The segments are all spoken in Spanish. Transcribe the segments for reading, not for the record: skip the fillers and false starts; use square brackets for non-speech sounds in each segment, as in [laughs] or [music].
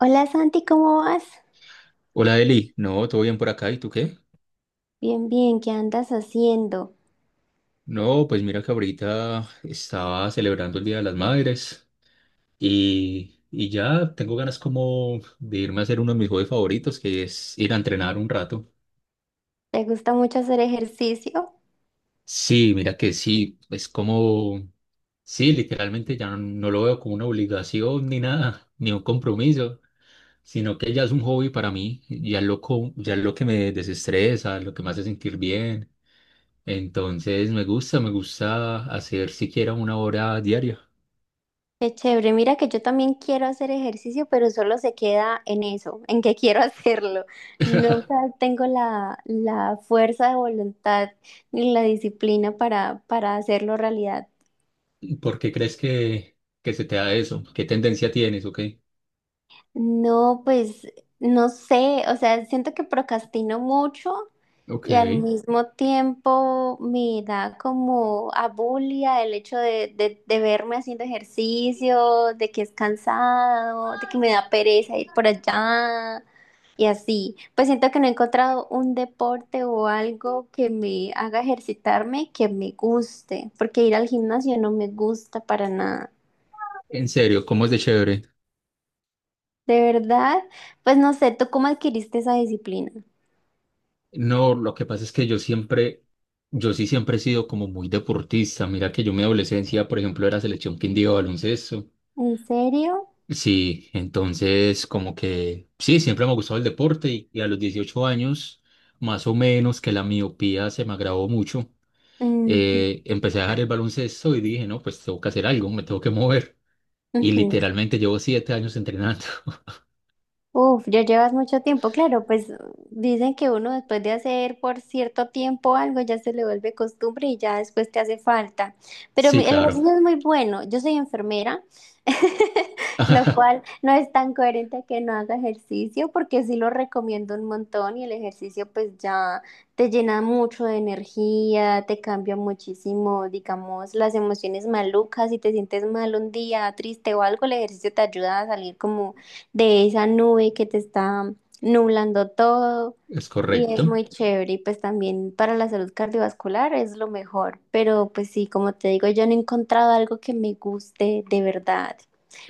Hola Santi, ¿cómo vas? Hola Eli, no, todo bien por acá, ¿y tú qué? Bien, bien, ¿qué andas haciendo? No, pues mira que ahorita estaba celebrando el Día de las Madres y ya tengo ganas como de irme a hacer uno de mis hobbies favoritos, que es ir a entrenar un rato. ¿Te gusta mucho hacer ejercicio? Sí, mira que sí, es como, sí, literalmente ya no lo veo como una obligación ni nada, ni un compromiso, sino que ya es un hobby para mí, ya es lo que me desestresa, lo que me hace sentir bien. Entonces me gusta hacer siquiera una hora diaria. Qué chévere, mira que yo también quiero hacer ejercicio, pero solo se queda en eso, en que [laughs] quiero hacerlo. Nunca tengo la fuerza de voluntad ni la disciplina para hacerlo realidad. ¿Por qué crees que se te da eso? ¿Qué tendencia tienes? Ok. No, pues no sé, o sea, siento que procrastino mucho Ok. y al mismo tiempo me da como abulia el hecho de verme haciendo ejercicio, de que es cansado, de que me da pereza ir por allá y así. Pues siento que no he encontrado un deporte o algo que me haga ejercitarme que me guste, porque ir al gimnasio no me gusta para nada. En serio, ¿cómo es de chévere? ¿De verdad? Pues no sé, ¿tú cómo adquiriste esa disciplina? No, lo que pasa es que yo sí siempre he sido como muy deportista. Mira que yo en mi adolescencia, por ejemplo, era selección Quindío de baloncesto. ¿En serio? Sí, entonces como que sí, siempre me ha gustado el deporte y a los 18 años, más o menos que la miopía se me agravó mucho. Ujú, Empecé a dejar el baloncesto y dije, no, pues tengo que hacer algo, me tengo que mover. Y ujú. literalmente llevo 7 años entrenando. [laughs] Uf, ya llevas mucho tiempo, claro, pues dicen que uno después de hacer por cierto tiempo algo ya se le vuelve costumbre y ya después te hace falta. Pero Sí, el claro. ejercicio es muy bueno, yo soy enfermera, [laughs] lo cual [laughs] no es tan coherente que no haga ejercicio porque sí lo recomiendo un montón y el ejercicio pues ya te llena mucho de energía, te cambia muchísimo, digamos, las emociones malucas, si te sientes mal un día, triste o algo, el ejercicio te ayuda a salir como de esa nube que te está nublando todo Es y es correcto. muy chévere y pues también para la salud cardiovascular es lo mejor, pero pues sí, como te digo, yo no he encontrado algo que me guste de verdad.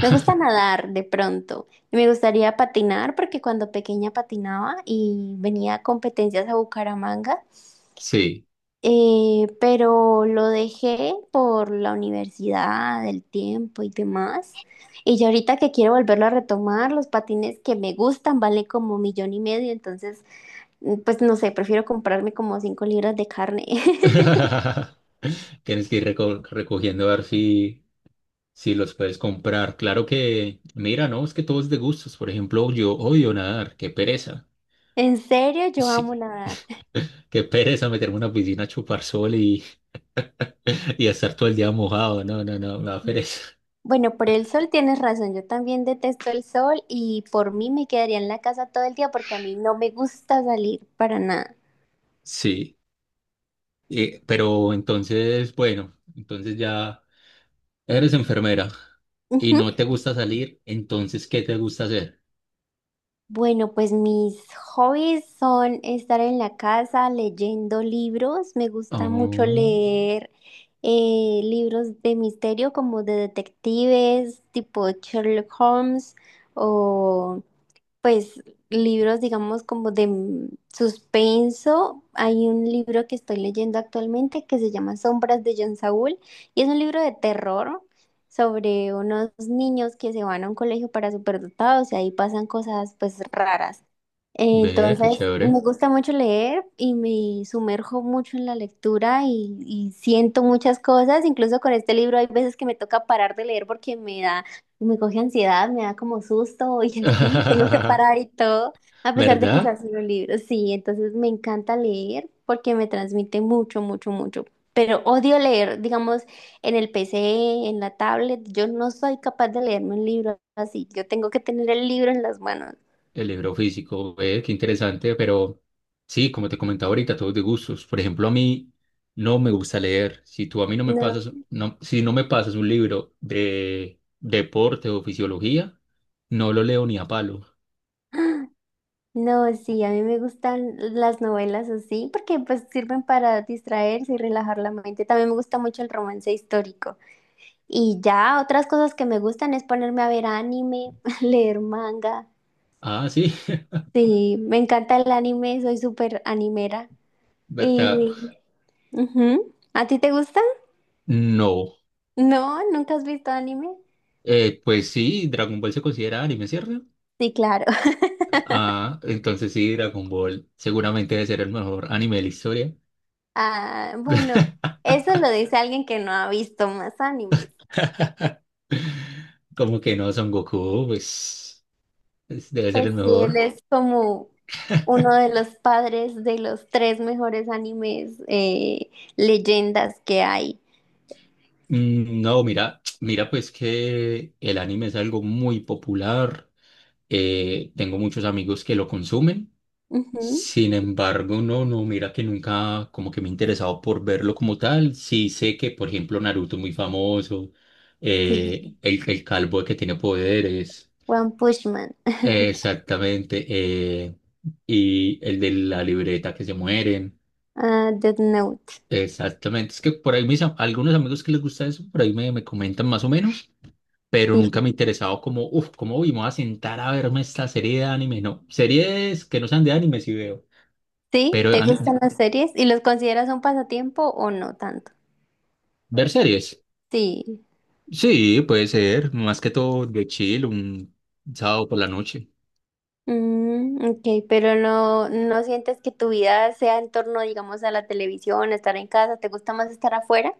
Me gusta nadar de pronto y me gustaría patinar porque cuando pequeña patinaba y venía a competencias a Bucaramanga. Sí. Pero lo dejé por la universidad, el tiempo y demás. Y yo ahorita que quiero volverlo a retomar, los patines que me gustan valen como millón y medio, entonces, mm, pues no sé, prefiero comprarme como 5 libras de carne. [laughs] [laughs] Tienes que ir recogiendo a ver si, si los puedes comprar. Claro que, mira, no, es que todo es de gustos. Por ejemplo, yo odio nadar, qué pereza. En serio, yo amo Sí, nadar. qué pereza meterme en una piscina a chupar sol y, [laughs] y estar todo el día mojado. No, no, no, me da pereza. Bueno, por el sol tienes razón, yo también detesto el sol y por mí me quedaría en la casa todo el día porque a mí no me gusta salir para nada. Sí. Pero entonces, bueno, entonces ya eres enfermera y no te gusta salir, entonces, ¿qué te gusta hacer? Bueno, pues mis hobbies son estar en la casa leyendo libros. Me gusta mucho Oh, leer libros de misterio como de detectives, tipo Sherlock Holmes pues libros, digamos, como de mm, suspenso. Hay un libro que estoy leyendo actualmente que se llama Sombras de John Saúl y es un libro de terror sobre unos niños que se van a un colegio para superdotados y ahí pasan cosas pues raras. ve, qué Entonces, me chévere. gusta mucho leer y me sumerjo mucho en la lectura y siento muchas cosas. Incluso con este libro hay veces que me toca parar de leer porque me da, me coge ansiedad, me da como susto [laughs] y así, tengo que [laughs] parar y todo, a pesar de que ¿Verdad? sea solo un libro. Sí, entonces me encanta leer porque me transmite mucho, mucho, mucho. Pero odio leer, digamos, en el PC, en la tablet. Yo no soy capaz de leerme un libro así. Yo tengo que tener el libro en las manos. El libro físico, ve, qué interesante, pero sí, como te comentaba ahorita, todos de gustos. Por ejemplo, a mí no me gusta leer. Si tú a mí no me No. pasas, no, si no me pasas un libro de deporte o fisiología, no lo leo ni a palo. No, sí, a mí me gustan las novelas así porque pues sirven para distraerse y relajar la mente. También me gusta mucho el romance histórico. Y ya otras cosas que me gustan es ponerme a ver anime, [laughs] leer manga. Ah, sí, Sí, me encanta el anime, soy súper animera. [laughs] ¿verdad? Y ujú. ¿A ti te gusta? No. No, ¿nunca has visto anime? Pues sí, Dragon Ball se considera anime, ¿cierto? Sí, claro. [laughs] Ah, entonces sí, Dragon Ball seguramente debe ser el mejor anime de la historia. Ah, bueno, eso lo dice alguien que no ha visto más animes. [laughs] Como que no, Son Goku, pues debe ser Pues el sí, él mejor. es como uno de los padres de los tres mejores animes leyendas que hay. No, mira, pues que el anime es algo muy popular. Tengo muchos amigos que lo consumen. Ujú, Sin embargo, no, mira que nunca como que me he interesado por verlo como tal. Sí sé que, por ejemplo, Naruto es muy famoso, sí, el calvo que tiene poderes, One Punch Man. [laughs] Exactamente, y el de la libreta que se mueren, Ah, Death Note. exactamente. Es que por ahí algunos amigos que les gusta eso, por ahí me comentan más o menos, pero nunca Sí. me he interesado como, uff, ¿cómo uy, me voy a sentar a verme esta serie de anime? No, series que no sean de anime sí veo, ¿Sí? pero ¿Te gustan las series? ¿Y los consideras un pasatiempo o no tanto? ver series. Sí. Sí, puede ser, más que todo de chill, un sábado por la noche. Mm, ok, pero no, no sientes que tu vida sea en torno, digamos, a la televisión, a estar en casa. ¿Te gusta más estar afuera?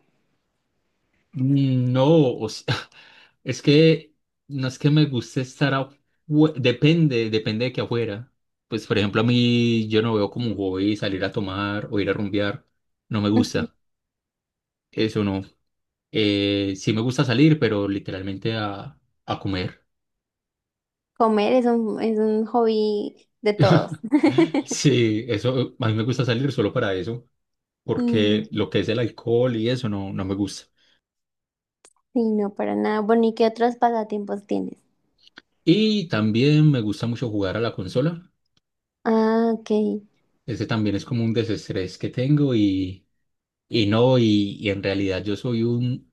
No, o sea, [laughs] es que no es que me guste estar afuera, depende de que afuera. Pues, por ejemplo, a mí yo no veo como un hobby salir a tomar o ir a rumbear, no me Ujú. gusta, eso no. Sí me gusta salir, pero literalmente a comer. [laughs] Comer es un hobby de todos. [laughs] Sí, eso, a mí me gusta salir solo para eso, Mm. porque lo que es el alcohol y eso no, no me gusta. Sí, no, para nada. Bueno, ¿y qué otros pasatiempos tienes? Y también me gusta mucho jugar a la consola. Ah, ok. Ese también es como un desestrés que tengo y no, y en realidad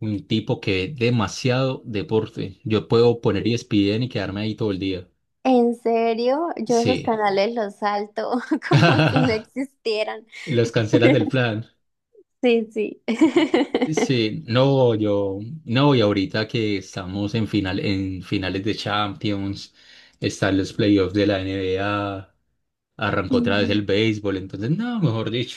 un tipo que ve demasiado deporte. Yo puedo poner ESPN y quedarme ahí todo el día. ¿En serio? Yo esos Sí. canales los salto [laughs] como si no [laughs] existieran. Los cancelas del [laughs] plan. Sí, sí. [laughs] Sí, no, yo, no, y ahorita que estamos en finales de Champions, están los playoffs de la NBA, arrancó otra vez Mm. el béisbol, entonces, no, mejor dicho.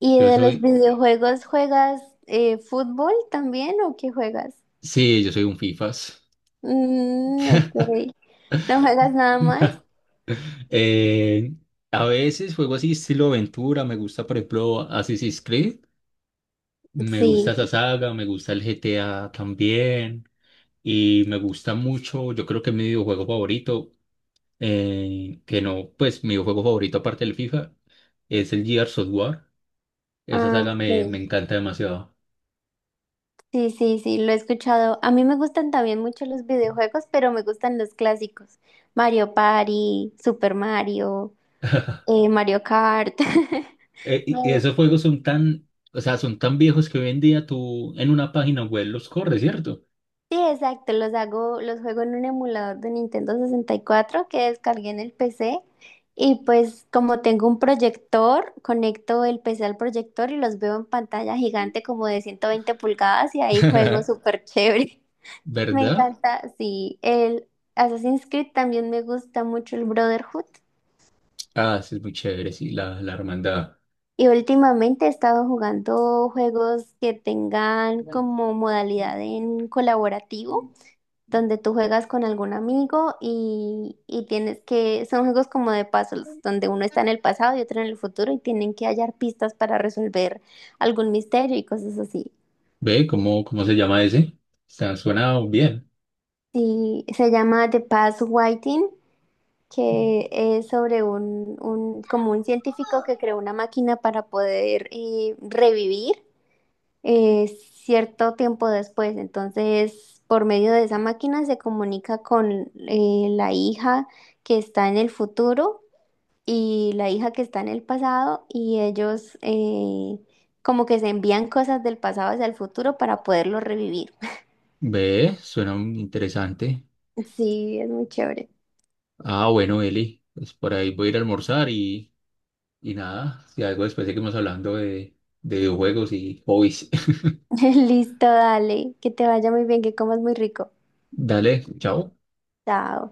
¿Y Yo de los soy videojuegos juegas fútbol también o qué juegas? Sí, yo soy un FIFAs. Mm, ok. ¿No juegas nada más? [laughs] Eh, a veces juego así estilo aventura, me gusta por ejemplo Assassin's Creed, me gusta Sí. esa saga, me gusta el GTA también y me gusta mucho, yo creo que mi videojuego favorito, que no, pues mi videojuego favorito aparte del FIFA es el Gears of War, Ah, me ok. encanta demasiado. Sí, sí, sí, lo he escuchado. A mí me gustan también mucho los videojuegos, pero me gustan los clásicos. Mario Party, Super Mario, [laughs] Mario Kart. [laughs] Y Me- esos juegos son tan, o sea, son tan viejos que hoy en día tú en una página web los corres, ¿cierto? Sí, exacto, los hago, los juego en un emulador de Nintendo 64 que descargué en el PC. Y pues como tengo un proyector, conecto el PC al proyector y los veo en pantalla gigante como de 120 pulgadas y ahí juego [laughs] [laughs] súper chévere. Me ¿Verdad? encanta, sí. El Assassin's Creed también me gusta mucho el Brotherhood. Ah, sí, es muy chévere, sí, la hermandad. Y últimamente he estado jugando juegos que tengan como modalidad en colaborativo, donde tú juegas con algún amigo y tienes que, son juegos como de puzzles, donde uno está en el pasado y otro en el futuro y tienen que hallar pistas para resolver algún misterio y cosas así. Ve, ¿cómo se llama ese? Está, suena bien. Sí, se llama The Past Waiting que es sobre un, como un científico que creó una máquina para poder revivir cierto tiempo después. Entonces, por medio de esa máquina se comunica con la hija que está en el futuro y la hija que está en el pasado y ellos como que se envían cosas del pasado hacia el futuro para poderlo revivir. [laughs] Ve, suena interesante. Sí, es muy chévere. Ah, bueno, Eli, pues por ahí voy a ir a almorzar y nada, si algo después seguimos hablando de videojuegos y hobbies. [laughs] [laughs] Listo, dale, que te vaya muy bien, que comas muy rico. Dale, chao. Chao.